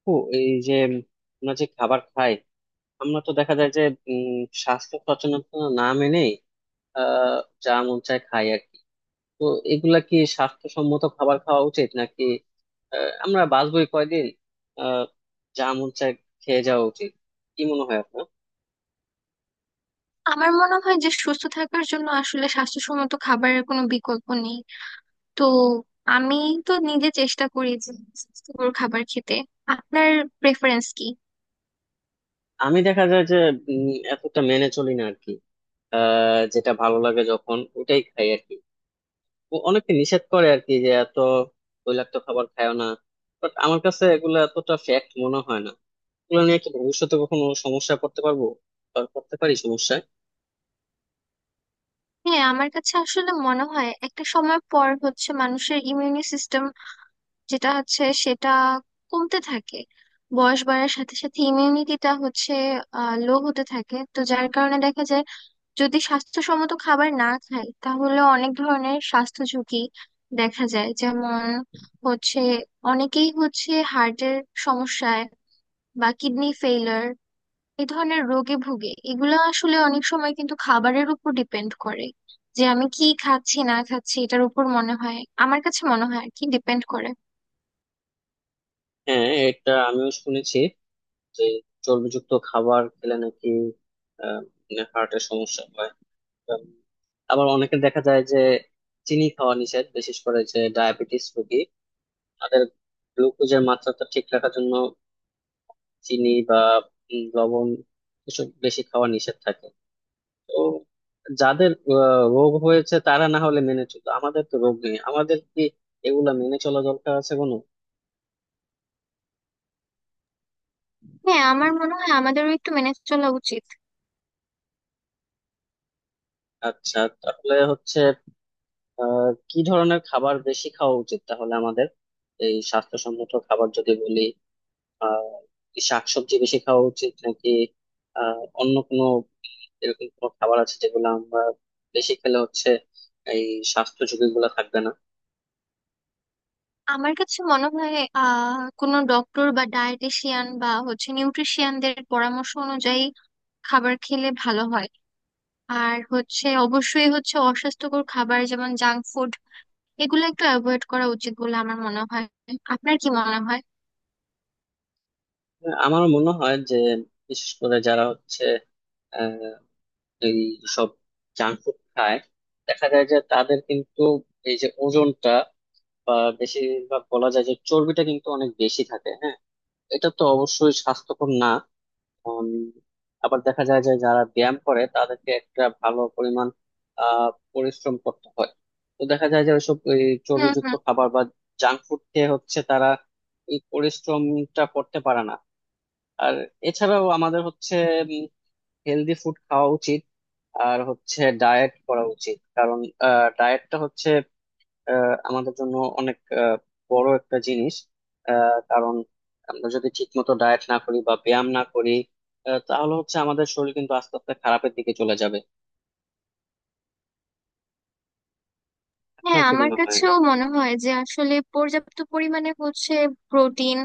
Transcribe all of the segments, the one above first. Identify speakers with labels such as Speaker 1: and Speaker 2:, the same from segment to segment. Speaker 1: আপু, এই যে আমরা যে খাবার খাই, আমরা তো দেখা যায় যে উম, স্বাস্থ্য সচেতনতা না মেনেই আহ যা মন চায় খাই আর কি। তো এগুলা কি স্বাস্থ্যসম্মত খাবার খাওয়া উচিত নাকি আমরা বাঁচবোই কয়দিন, আহ যা মন চায় খেয়ে যাওয়া উচিত? কি মনে হয় আপনার?
Speaker 2: আমার মনে হয় যে সুস্থ থাকার জন্য আসলে স্বাস্থ্যসম্মত খাবারের কোনো বিকল্প নেই। তো আমি তো নিজে চেষ্টা করি যে স্বাস্থ্যকর খাবার খেতে। আপনার প্রেফারেন্স কি?
Speaker 1: আমি দেখা যায় যে এতটা মেনে চলি না আর কি। যেটা ভালো লাগে যখন ওটাই খাই আর কি। ও অনেকে নিষেধ করে আর কি যে এত তৈলাক্ত খাবার খায় না, বাট আমার কাছে এগুলা এতটা ফ্যাক্ট মনে হয় না। এগুলো নিয়ে কি ভবিষ্যতে কখনো সমস্যায় পড়তে পারবো? আর পড়তে পারি সমস্যায়?
Speaker 2: হ্যাঁ, আমার কাছে আসলে মনে হয় একটা সময় পর হচ্ছে মানুষের ইমিউনি সিস্টেম, যেটা হচ্ছে সেটা কমতে থাকে। বয়স বাড়ার সাথে সাথে ইমিউনিটিটা হচ্ছে লো হতে থাকে, তো যার কারণে দেখা যায় যদি স্বাস্থ্যসম্মত খাবার না খাই তাহলে অনেক ধরনের স্বাস্থ্য ঝুঁকি দেখা যায়, যেমন হচ্ছে অনেকেই হচ্ছে হার্টের সমস্যায় বা কিডনি ফেইলার এই ধরনের রোগে ভুগে। এগুলো আসলে অনেক সময় কিন্তু খাবারের উপর ডিপেন্ড করে যে আমি কি খাচ্ছি না খাচ্ছি এটার উপর মনে হয়, আমার কাছে মনে হয় আর কি ডিপেন্ড করে।
Speaker 1: হ্যাঁ, এটা আমিও শুনেছি যে চর্বিযুক্ত খাবার খেলে নাকি হার্টের সমস্যা হয়। উম, আবার অনেকে দেখা যায় যে চিনি খাওয়া নিষেধ, বিশেষ করে যে ডায়াবেটিস রোগী তাদের গ্লুকোজের মাত্রাটা ঠিক রাখার জন্য চিনি বা লবণ এসব বেশি খাওয়া নিষেধ থাকে। তো যাদের রোগ হয়েছে তারা না হলে মেনে চলতো, আমাদের তো রোগ নেই, আমাদের কি এগুলা মেনে চলা দরকার আছে কোনো?
Speaker 2: হ্যাঁ, আমার মনে হয় আমাদেরও একটু মেনে চলা উচিত।
Speaker 1: আচ্ছা, তাহলে হচ্ছে কি ধরনের খাবার বেশি খাওয়া উচিত তাহলে আমাদের? এই স্বাস্থ্যসম্মত খাবার যদি বলি, আহ কি শাকসবজি বেশি খাওয়া উচিত, নাকি অন্য কোনো এরকম কোনো খাবার আছে যেগুলো আমরা বেশি খেলে হচ্ছে এই স্বাস্থ্য ঝুঁকি গুলা থাকবে না?
Speaker 2: আমার কাছে মনে হয় কোনো ডক্টর বা ডায়েটিশিয়ান বা হচ্ছে নিউট্রিশিয়ানদের পরামর্শ অনুযায়ী খাবার খেলে ভালো হয়। আর হচ্ছে অবশ্যই হচ্ছে অস্বাস্থ্যকর খাবার যেমন জাঙ্ক ফুড এগুলো একটু অ্যাভয়েড করা উচিত বলে আমার মনে হয়। আপনার কি মনে হয়?
Speaker 1: আমার মনে হয় যে বিশেষ করে যারা হচ্ছে এই সব জাঙ্ক ফুড খায়, দেখা যায় যে তাদের কিন্তু এই যে ওজনটা বা বেশিরভাগ বলা যায় যে চর্বিটা কিন্তু অনেক বেশি থাকে। হ্যাঁ, এটা তো অবশ্যই স্বাস্থ্যকর না। উম, আবার দেখা যায় যে যারা ব্যায়াম করে তাদেরকে একটা ভালো পরিমাণ আহ পরিশ্রম করতে হয়। তো দেখা যায় যে ওইসব এই
Speaker 2: হুম
Speaker 1: চর্বিযুক্ত
Speaker 2: হুম।
Speaker 1: খাবার বা জাঙ্ক ফুড খেয়ে হচ্ছে তারা এই পরিশ্রমটা করতে পারে না। আর এছাড়াও আমাদের হচ্ছে হেলদি ফুড খাওয়া উচিত, আর হচ্ছে ডায়েট করা উচিত, কারণ ডায়েটটা হচ্ছে আমাদের জন্য অনেক বড় একটা জিনিস। কারণ আমরা যদি ঠিক মতো ডায়েট না করি বা ব্যায়াম না করি, তাহলে হচ্ছে আমাদের শরীর কিন্তু আস্তে আস্তে খারাপের দিকে চলে যাবে।
Speaker 2: হ্যাঁ,
Speaker 1: আপনার কি
Speaker 2: আমার
Speaker 1: মনে হয়?
Speaker 2: কাছেও মনে হয় যে আসলে পর্যাপ্ত পরিমাণে হচ্ছে প্রোটিন,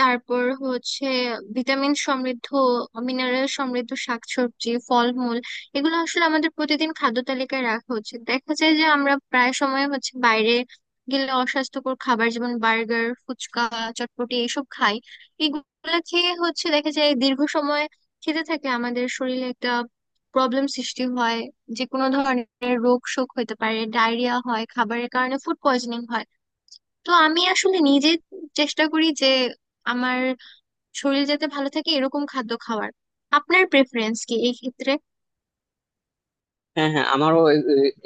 Speaker 2: তারপর হচ্ছে ভিটামিন সমৃদ্ধ, মিনারেল সমৃদ্ধ শাকসবজি, ফলমূল এগুলো আসলে আমাদের প্রতিদিন খাদ্য তালিকায় রাখা উচিত। দেখা যায় যে আমরা প্রায় সময় হচ্ছে বাইরে গেলে অস্বাস্থ্যকর খাবার যেমন বার্গার, ফুচকা, চটপটি এইসব খাই। এগুলো খেয়ে হচ্ছে দেখা যায় দীর্ঘ সময় খেতে থাকে আমাদের শরীরে একটা প্রবলেম সৃষ্টি হয়, যে কোনো ধরনের রোগ শোক হতে পারে, ডায়রিয়া হয় খাবারের কারণে, ফুড পয়জনিং হয়। তো আমি আসলে নিজে চেষ্টা করি যে আমার শরীর যাতে ভালো থাকে এরকম খাদ্য খাওয়ার। আপনার প্রেফারেন্স কি এই ক্ষেত্রে?
Speaker 1: হ্যাঁ হ্যাঁ, আমারও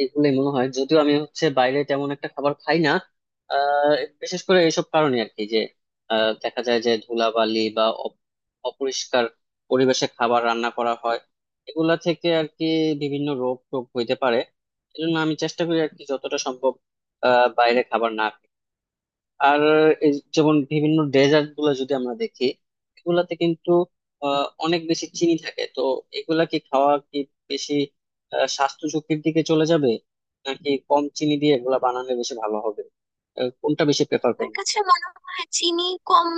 Speaker 1: এগুলোই মনে হয়, যদিও আমি হচ্ছে বাইরে তেমন একটা খাবার খাই না। আহ, বিশেষ করে এইসব কারণে আর কি যে দেখা যায় যে ধুলাবালি বা অপরিষ্কার পরিবেশে খাবার রান্না করা হয়, এগুলা থেকে আর কি বিভিন্ন রোগ টোগ হইতে পারে। এজন্য আমি চেষ্টা করি আর কি যতটা সম্ভব বাইরে খাবার না। আর এই যেমন বিভিন্ন ডেজার্ট গুলো যদি আমরা দেখি, এগুলাতে কিন্তু অনেক বেশি চিনি থাকে। তো এগুলা কি খাওয়া কি বেশি স্বাস্থ্য ঝুঁকির দিকে চলে যাবে, নাকি কম চিনি দিয়ে এগুলা বানানো বেশি ভালো হবে? কোনটা বেশি প্রেফার
Speaker 2: আমার
Speaker 1: করবেন?
Speaker 2: কাছে মনে হয় চিনি কম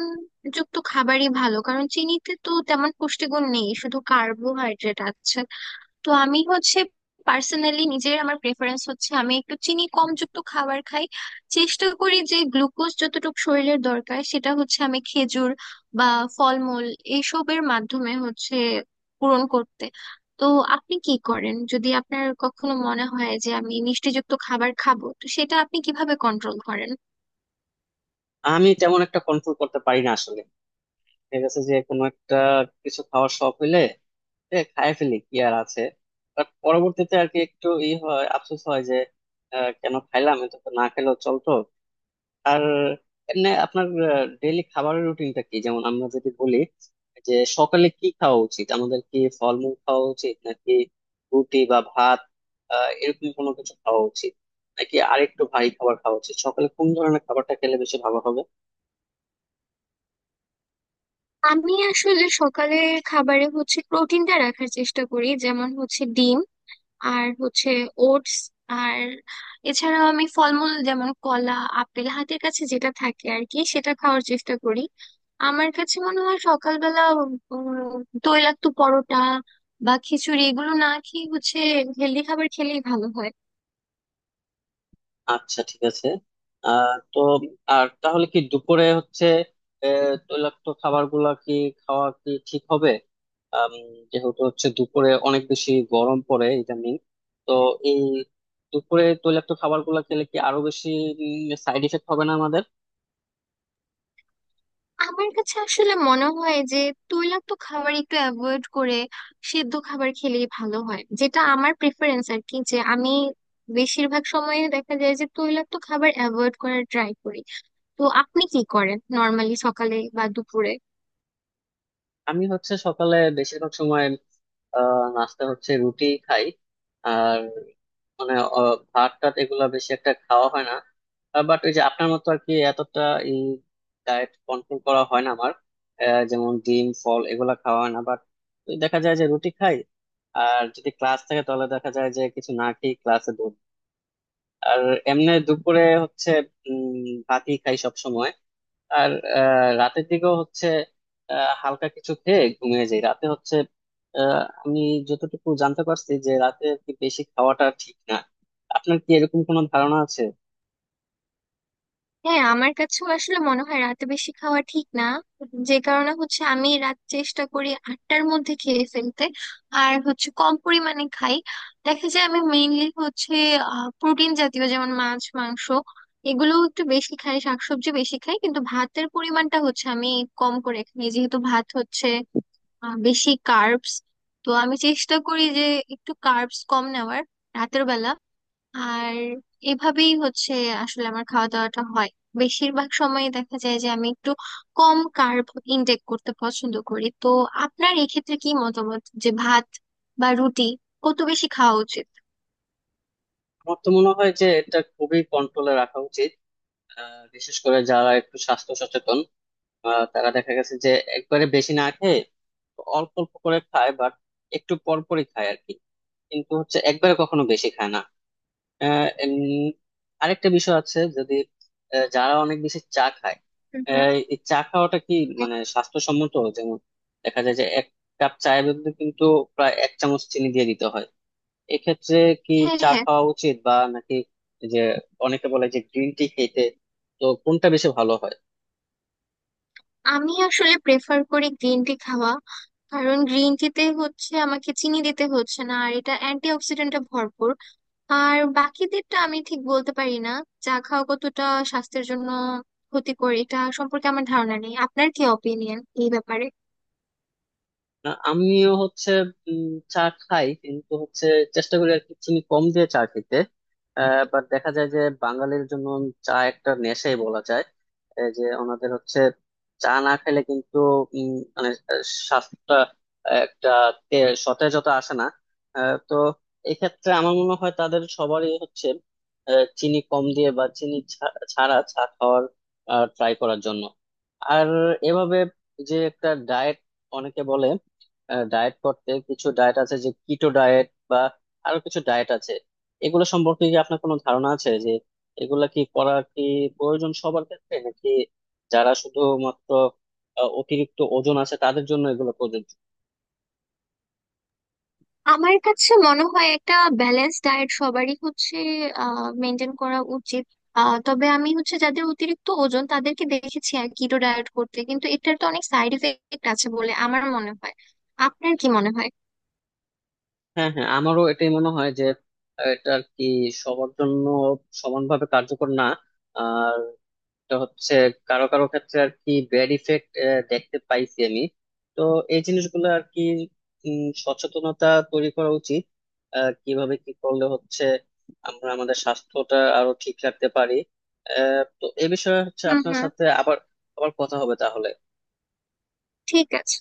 Speaker 2: যুক্ত খাবারই ভালো, কারণ চিনিতে তো তেমন পুষ্টিগুণ নেই, শুধু কার্বোহাইড্রেট আছে। তো আমি হচ্ছে পার্সোনালি নিজের আমার প্রেফারেন্স হচ্ছে আমি একটু চিনি কম যুক্ত খাবার খাই। চেষ্টা করি যে গ্লুকোজ যতটুকু শরীরের দরকার সেটা হচ্ছে আমি খেজুর বা ফলমূল এইসবের মাধ্যমে হচ্ছে পূরণ করতে। তো আপনি কি করেন যদি আপনার কখনো মনে হয় যে আমি মিষ্টিযুক্ত খাবার খাবো, তো সেটা আপনি কিভাবে কন্ট্রোল করেন?
Speaker 1: আমি তেমন একটা কন্ট্রোল করতে পারি না আসলে। ঠিক আছে যে কোনো একটা কিছু খাওয়ার শখ হইলে, খায় ফেলি, কি আর আছে। বাট পরবর্তীতে আর কি একটু ই হয়, আফসোস হয় যে কেন খাইলাম, এটা তো না খেলেও চলতো। আর এমনি আপনার ডেইলি খাবারের রুটিনটা কি? যেমন আমরা যদি বলি যে সকালে কি খাওয়া উচিত, আমাদের কি ফলমূল খাওয়া উচিত, নাকি রুটি বা ভাত, এরকম কোনো কিছু খাওয়া উচিত, নাকি আরেকটু ভারী খাবার খাওয়া উচিত? সকালে কোন ধরনের খাবারটা খেলে বেশি ভালো হবে?
Speaker 2: আমি আসলে সকালের খাবারে হচ্ছে প্রোটিনটা রাখার চেষ্টা করি, যেমন হচ্ছে ডিম আর হচ্ছে ওটস। আর এছাড়াও আমি ফলমূল যেমন কলা, আপেল হাতের কাছে যেটা থাকে আর কি সেটা খাওয়ার চেষ্টা করি। আমার কাছে মনে হয় সকালবেলা তৈলাক্ত পরোটা বা খিচুড়ি এগুলো না খেয়ে হচ্ছে হেলদি খাবার খেলেই ভালো হয়।
Speaker 1: আচ্ছা ঠিক আছে। তো আর তাহলে কি দুপুরে হচ্ছে তৈলাক্ত খাবার গুলা কি খাওয়া কি ঠিক হবে? আম, যেহেতু হচ্ছে দুপুরে অনেক বেশি গরম পড়ে ইদানিং, তো এই দুপুরে তৈলাক্ত খাবার গুলা খেলে কি আরো বেশি সাইড এফেক্ট হবে না আমাদের?
Speaker 2: আমার কাছে আসলে মনে হয় যে তৈলাক্ত খাবার একটু অ্যাভয়েড করে সেদ্ধ খাবার খেলেই ভালো হয়, যেটা আমার প্রেফারেন্স আর কি, যে আমি বেশিরভাগ সময়ে দেখা যায় যে তৈলাক্ত খাবার অ্যাভয়েড করার ট্রাই করি। তো আপনি কি করেন নর্মালি সকালে বা দুপুরে?
Speaker 1: আমি হচ্ছে সকালে বেশিরভাগ সময় নাস্তা হচ্ছে রুটি খাই। আর মানে ভাত টাত এগুলা বেশি একটা খাওয়া হয় না। বাট ওই যে আপনার মতো আর কি এতটা এই ডায়েট কন্ট্রোল করা হয় না আমার। যেমন ডিম ফল এগুলা খাওয়া হয় না, বাট দেখা যায় যে রুটি খাই। আর যদি ক্লাস থাকে তাহলে দেখা যায় যে কিছু না খেয়ে ক্লাসে দৌড়। আর এমনি দুপুরে হচ্ছে উম ভাতই খাই সব। আর রাতের দিকেও হচ্ছে হালকা কিছু খেয়ে ঘুমিয়ে যাই রাতে হচ্ছে। আমি যতটুকু জানতে পারছি যে রাতে আর কি বেশি খাওয়াটা ঠিক না। আপনার কি এরকম কোনো ধারণা আছে?
Speaker 2: হ্যাঁ, আমার কাছেও আসলে মনে হয় রাতে বেশি খাওয়া ঠিক না। যে কারণে হচ্ছে আমি রাত চেষ্টা করি 8টার মধ্যে খেয়ে ফেলতে। আর হচ্ছে কম পরিমাণে খাই। দেখা যায় আমি মেইনলি হচ্ছে প্রোটিন জাতীয় যেমন মাছ, মাংস এগুলো একটু বেশি খাই, শাকসবজি বেশি খাই কিন্তু ভাতের পরিমাণটা হচ্ছে আমি কম করে খাই, যেহেতু ভাত হচ্ছে বেশি কার্বস। তো আমি চেষ্টা করি যে একটু কার্বস কম নেওয়ার রাতের বেলা। আর এভাবেই হচ্ছে আসলে আমার খাওয়া দাওয়াটা হয় বেশিরভাগ সময়, দেখা যায় যে আমি একটু কম কার্ব ইনটেক করতে পছন্দ করি। তো আপনার এক্ষেত্রে কি মতামত যে ভাত বা রুটি কত বেশি খাওয়া উচিত?
Speaker 1: আমার তো মনে হয় যে এটা খুবই কন্ট্রোলে রাখা উচিত। বিশেষ করে যারা একটু স্বাস্থ্য সচেতন তারা দেখা গেছে যে একবারে বেশি না খেয়ে অল্প অল্প করে খায়, বাট একটু পর পরই খায় আর কি, কিন্তু হচ্ছে একবারে কখনো বেশি খায় না। আহ, উম, আরেকটা বিষয় আছে, যদি যারা অনেক বেশি চা খায়,
Speaker 2: হুম হুম।
Speaker 1: এই চা খাওয়াটা কি মানে স্বাস্থ্যসম্মত? যেমন দেখা যায় যে এক কাপ চায়ের মধ্যে কিন্তু প্রায় এক চামচ চিনি দিয়ে দিতে হয়। এক্ষেত্রে কি
Speaker 2: হ্যাঁ
Speaker 1: চা
Speaker 2: হ্যাঁ।
Speaker 1: খাওয়া উচিত বা নাকি এই যে অনেকে বলে যে গ্রিন টি খেতে, তো কোনটা বেশি ভালো হয়?
Speaker 2: আমি আসলে প্রেফার করি গ্রিন টি খাওয়া, কারণ গ্রিন টিতে হচ্ছে আমাকে চিনি দিতে হচ্ছে না আর এটা অ্যান্টি। আর বাকিদেরটা আমি ঠিক বলতে পারি না চা খাওয়া কতটা স্বাস্থ্যের জন্য ক্ষতিকর, এটা সম্পর্কে আমার ধারণা নেই। আপনার কি অপিনিয়ন এই ব্যাপারে?
Speaker 1: না, আমিও হচ্ছে উম, চা খাই, কিন্তু হচ্ছে চেষ্টা করি আর কি চিনি কম দিয়ে চা খেতে। বাট দেখা যায় যে বাঙালির জন্য চা একটা নেশাই বলা যায়। এই যে ওনাদের হচ্ছে চা না খেলে কিন্তু উম, মানে স্বাস্থ্যটা একটা তে- সতেজতা আসে না। তো এক্ষেত্রে আমার মনে হয় তাদের সবারই হচ্ছে চিনি কম দিয়ে বা চিনি ছাড়া চা খাওয়ার ট্রাই করার জন্য। আর এভাবে যে একটা ডায়েট, অনেকে বলে ডায়েট করতে, কিছু ডায়েট আছে যে কিটো ডায়েট বা আরো কিছু ডায়েট আছে, এগুলো সম্পর্কে কি আপনার কোনো ধারণা আছে যে এগুলা কি করা কি প্রয়োজন সবার ক্ষেত্রে, নাকি যারা শুধুমাত্র অতিরিক্ত ওজন আছে তাদের জন্য এগুলো প্রযোজ্য?
Speaker 2: আমার কাছে মনে হয় একটা ব্যালেন্স ডায়েট সবারই হচ্ছে মেনটেন করা উচিত। তবে আমি হচ্ছে যাদের অতিরিক্ত ওজন তাদেরকে দেখেছি আর কিটো ডায়েট করতে, কিন্তু এটার তো অনেক সাইড এফেক্ট আছে বলে আমার মনে হয়। আপনার কি মনে হয়?
Speaker 1: হ্যাঁ হ্যাঁ, আমারও এটাই মনে হয় যে এটা আর কি সবার জন্য সমানভাবে কার্যকর না। আর তো হচ্ছে কারো কারো ক্ষেত্রে আর কি ব্যাড ইফেক্ট দেখতে পাইছি আমি। তো এই জিনিসগুলো আর কি সচেতনতা তৈরি করা উচিত কিভাবে কি করলে হচ্ছে আমরা আমাদের স্বাস্থ্যটা আরো ঠিক রাখতে পারি। তো এ বিষয়ে হচ্ছে
Speaker 2: হুম
Speaker 1: আপনার
Speaker 2: হুম।
Speaker 1: সাথে আবার আবার কথা হবে তাহলে।
Speaker 2: ঠিক আছে।